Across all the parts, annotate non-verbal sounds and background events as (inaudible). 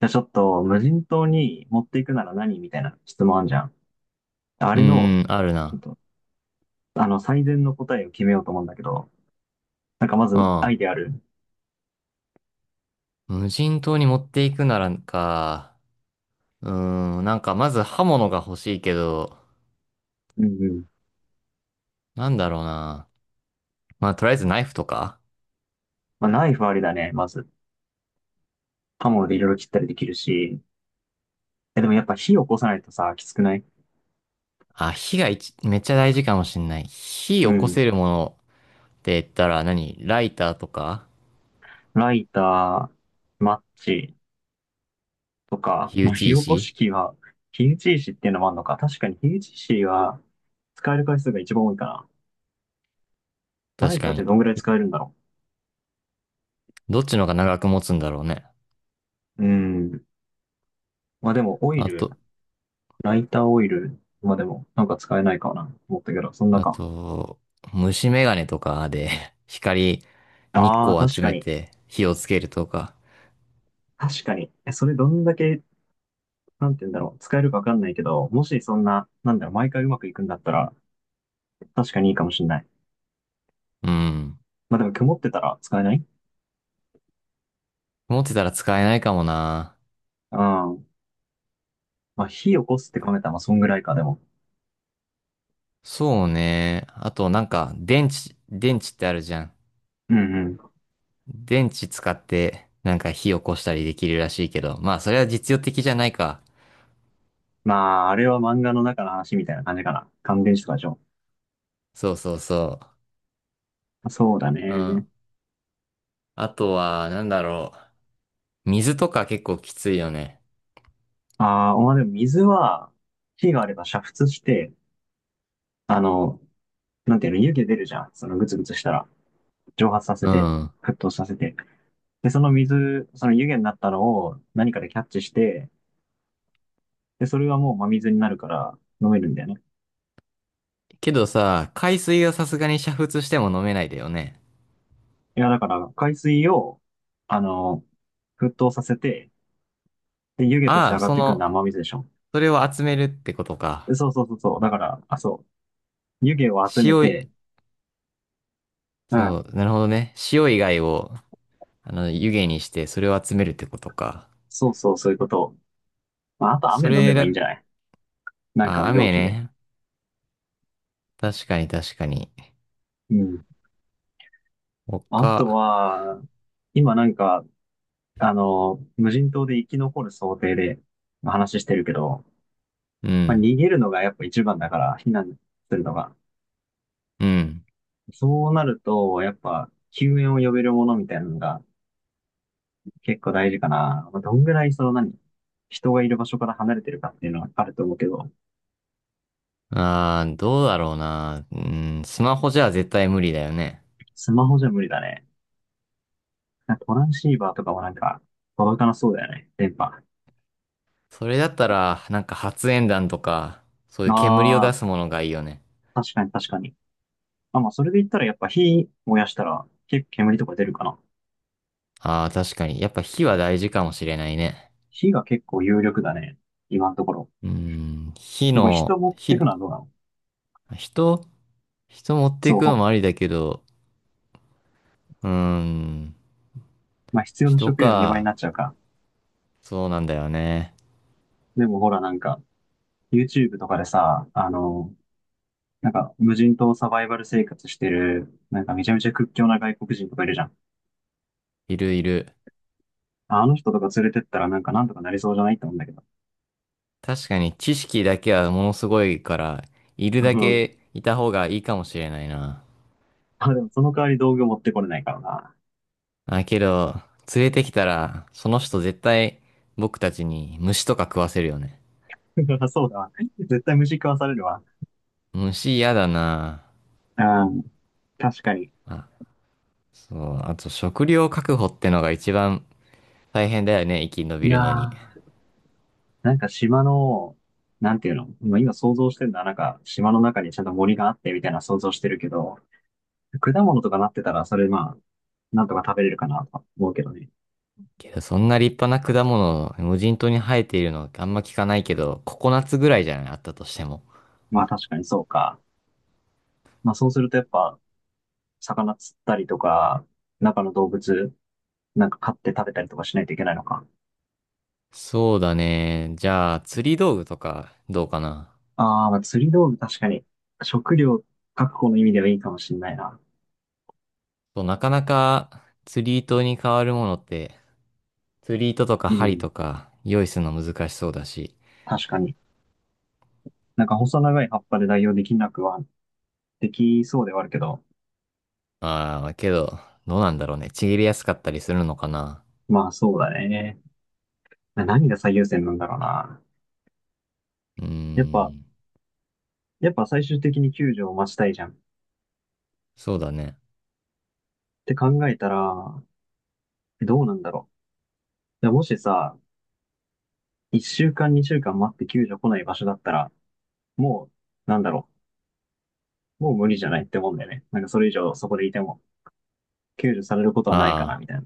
じゃあちょっと、無人島に持っていくなら何みたいな質問あんじゃん。あれの、あるちょっな。と、最善の答えを決めようと思うんだけど、なんかまうず、アん。イデアある？無人島に持っていくならか。なんかまず刃物が欲しいけど、うんうん。なんだろうな。まあ、とりあえずナイフとか、まあ、ナイフありだね、まず。刃物でいろいろ切ったりできるし。え、でもやっぱ火を起こさないとさ、きつくない？あ、火が一めっちゃ大事かもしんない。火う起こせん。るものって言ったら何、ライターとか、ライター、マッチとか、火ま打あ、火ち起こし石。器は、火打ち石っていうのもあるのか。確かに火打ち石は、使える回数が一番多いかな。ラ確イターかってに。どんぐらい使えるんだろどっちの方が長く持つんだろうね。う。うん。まあでも、オイあル。と、ライターオイルまでもなんか使えないかなと思ったけど、そんなあか。と、虫眼鏡とかで、 (laughs) 光、日ああ、光を確集かめに。て火をつけるとか。確かに。え、それどんだけ、なんて言うんだろう。使えるかわかんないけど、もしそんな、なんだろう、毎回うまくいくんだったら、確かにいいかもしんない。うん。まあでも曇ってたら使えない？持ってたら使えないかもな。うん。まあ火起こすって考えたら、まあそんぐらいか、でも。そうね。あとなんか、電池ってあるじゃん。うんうん。電池使って、なんか火起こしたりできるらしいけど。まあ、それは実用的じゃないか。まあ、あれは漫画の中の話みたいな感じかな。乾電池とかでしょ。そうそうそそうだう。うん。ね。あとは、なんだろう。水とか結構きついよね。ああ、まあでも水は、火があれば煮沸して、あの、なんていうの、湯気出るじゃん。そのぐつぐつしたら。蒸発させうて、ん。沸騰させて、で、その水、その湯気になったのを何かでキャッチして、で、それはもう真水になるから飲めるんだよね。けどさ、海水がさすがに煮沸しても飲めないだよね。いや、だから海水を、あの、沸騰させて、で、湯気としてああ、上がっそてくるのの、は真水でしょ。それを集めるってことでか。そうそうそうそう。だから、あ、そう。湯気を集め塩い、て、うん。そう、なるほどね。塩以外を、湯気にしてそれを集めるってことか。そうそう、そういうこと。まあ、あと雨そ飲めればいいんだ、じゃない？なんかあ、の容雨器で。ね。確かに確かに。うん。あと他、は、今なんか、無人島で生き残る想定で話してるけど、うまあ、ん、逃げるのがやっぱ一番だから、避難するのが。うん。そうなると、やっぱ、救援を呼べるものみたいなのが結構大事かな。まあ、どんぐらいその何、人がいる場所から離れてるかっていうのはあると思うけど、ああ、どうだろうな。うん、スマホじゃ絶対無理だよね。スマホじゃ無理だね。なんかトランシーバーとかもなんか届かなそうだよね、電波。あそれだったら、なんか発煙弾とか、そういう煙をあ、出すものがいいよね。確かに確かに。あ、まあそれで言ったらやっぱ火燃やしたら結構煙とか出るかな。ああ、確かに。やっぱ火は大事かもしれないね。火が結構有力だね、今のところ。火これ人の、持ってく火、のはどうなの？人、人持っていそくのもあう。りだけど、うーん、まあ必要な人食料2倍にか。なっちゃうか。そうなんだよね。でもほらなんか、YouTube とかでさ、なんか無人島サバイバル生活してる、なんかめちゃめちゃ屈強な外国人とかいるじゃん。いるいる。あの人とか連れてったらなんかなんとかなりそうじゃないって思うんだけど。確かに知識だけはものすごいから、いるうだん。けいた方がいいかもしれないな。あ、でもその代わり道具持ってこれないからな。あ、けど、連れてきたら、その人絶対僕たちに虫とか食わせるよね。(laughs) そうだわ。絶対虫食わされるわ。虫嫌だな。うん。確かに。あ、そう。あと食料確保ってのが一番大変だよね、生き延いびやるのに。ー、なんか島の、なんていうの今想像してるのはなんか島の中にちゃんと森があってみたいな想像してるけど、果物とかなってたらそれまあ、なんとか食べれるかなとか思うけどね。けど、そんな立派な果物、無人島に生えているのあんま聞かないけど、ココナッツぐらいじゃない、あったとしても。まあ確かにそうか。まあそうするとやっぱ、魚釣ったりとか、中の動物、なんか飼って食べたりとかしないといけないのか。そうだね。じゃあ、釣り道具とか、どうかな。ああ、まあ釣り道具確かに、食料確保の意味ではいいかもしれないな。そう、なかなか釣り糸に変わるものって、釣り糸とかう針ん、とか用意するの難しそうだし。確かに。なんか細長い葉っぱで代用できなくは、できそうではあるけど、ああ、けど、どうなんだろうね。ちぎりやすかったりするのかな。まあそうだね。何が最優先なんだろうな。うーやっぱ、ん、やっぱ最終的に救助を待ちたいじゃん。っそうだね。て考えたら、どうなんだろう。いやもしさ、一週間、二週間待って救助来ない場所だったら、もう、なんだろう。もう無理じゃないってもんだよね。なんかそれ以上そこでいても、救助されることはないかな、ああ、みたいな。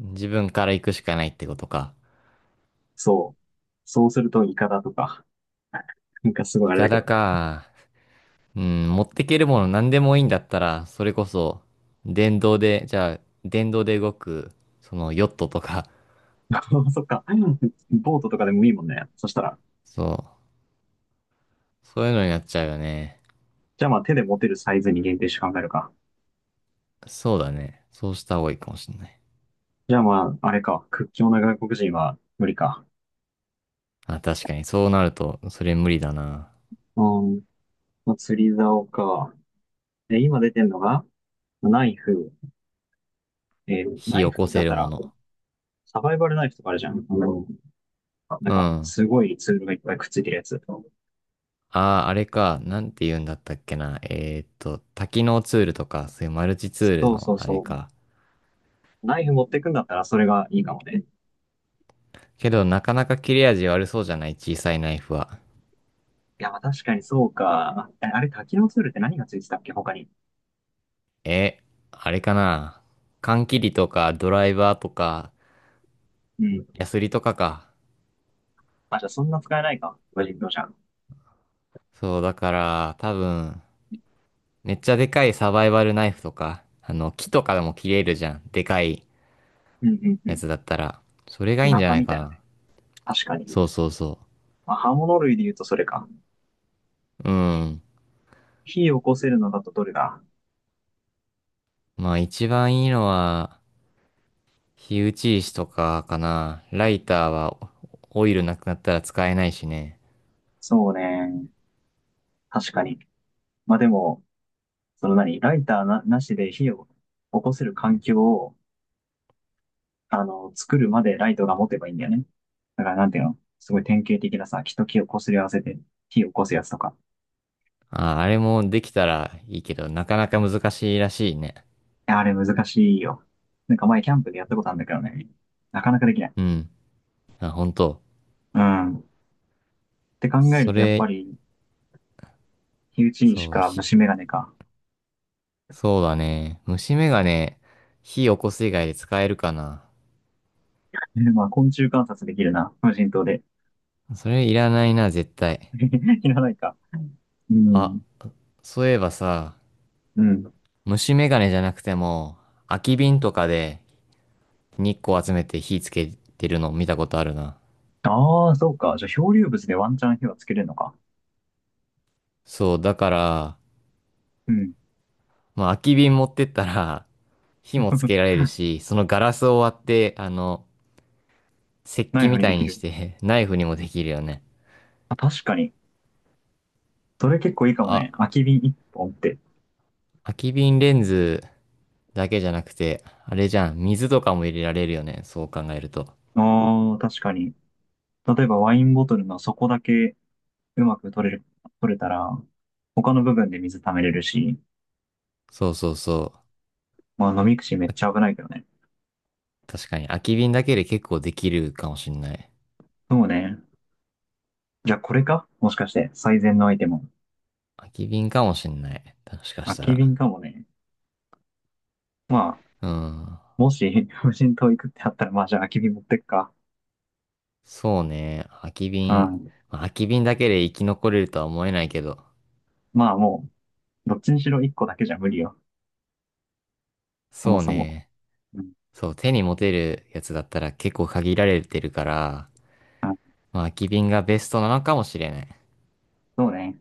自分から行くしかないってことか。そう。そうすると、イカだとか、なんかすごいいあれかだけだど。か。うん、持ってけるもの何でもいいんだったら、それこそ、電動で、じゃあ、電動で動く、そのヨットとか、(laughs) そっか。ボートとかでもいいもんね。そしたら。そう、そういうのになっちゃうよね。じゃあまあ手で持てるサイズに限定して考えるか。そうだね。そうした方がいいかもしれない。じゃあまあ、あれか。屈強な外国人は無理か。あ、確かに、そうなると、それ無理だな。うん。まあ、釣り竿か。え、今出てんのが、ナイフ。えー火ナイ起こフだせっるたもら、の。サバイバルナイフとかあるじゃん。なうんか、ん。すごいツールがいっぱいくっついてるやつ。ああ、あれか。なんて言うんだったっけな。多機能ツールとか、そういうマルチツールそうの、そうあれそう。か。ナイフ持ってくんだったらそれがいいかもね。けど、なかなか切れ味悪そうじゃない、小さいナイフは。いや、まあ確かにそうか。ああれ、多機能ツールって何がついてたっけ、他に。え、あれかな。缶切りとか、ドライバーとか、うん。ヤスリとかか。あ、じゃあそんな使えないか。無人島じゃん。そう、だから、多分、めっちゃでかいサバイバルナイフとか、木とかでも切れるじゃん。でかいうんうんやうつだったら。それがん。いいんナじゃタないみかたいなな。ね。確かに。そうそうそまあ、刃物類で言うとそれか。う。うん。火を起こせるのだとどれだ？まあ一番いいのは、火打ち石とかかな。ライターはオイルなくなったら使えないしね。そうね。確かに。まあでも、その何ライターなしで火を起こせる環境を、作るまでライトが持てばいいんだよね。だからなんていうのすごい典型的なさ、木と木を擦り合わせて火を起こすやつとか。あ、あれもできたらいいけど、なかなか難しいらしいね。や、あれ難しいよ。なんか前キャンプでやったことあるんだけどね。なかなかできない。うん。あ、本当。うん。って考えるそとやっぱれ、り、火打ち石そう、か火、虫眼鏡か。そうだね。虫眼鏡、火起こす以外で使えるかな。(laughs) まあ昆虫観察できるな。無人島で。それいらないな、絶対。(laughs) いらないか。うあ、ん。そういえばさ、うん。虫眼鏡じゃなくても、空き瓶とかで日光集めて火つけてるの見たことあるな。ああ、そうか。じゃあ漂流物でワンチャン火はつけれるのか。そう、だから、うん。まあ、空き瓶持ってったら、(laughs) 火もつけ (laughs) られるし、そのガラスを割って、石ナ器イフみにたでいきにしる。て (laughs) ナイフにもできるよね。あ、確かに。それ結構いいかもあ、ね。空き瓶一本って。空き瓶レンズだけじゃなくて、あれじゃん、水とかも入れられるよね。そう考えると。ああ、確かに。例えばワインボトルの底だけうまく取れたら、他の部分で水溜めれるし、そうそうそう。まあ、飲み口めっちゃ危ないけどね。確かに、空き瓶だけで結構できるかもしんない。そうね。じゃあこれかもしかして、最善のアイテム。空き瓶かもしんない。もしかし空たきら。瓶かもね。まあ、うん。もし (laughs) 無人島行くってあったら、まあじゃあ空き瓶持ってくか。そうね。空きう瓶。ん。まあ空き瓶だけで生き残れるとは思えないけど。まあもう、どっちにしろ1個だけじゃ無理よ。そもそうそも。ね。うん。そう、手に持てるやつだったら結構限られてるから、あ、まあ空き瓶がベストなのかもしれない。そうね。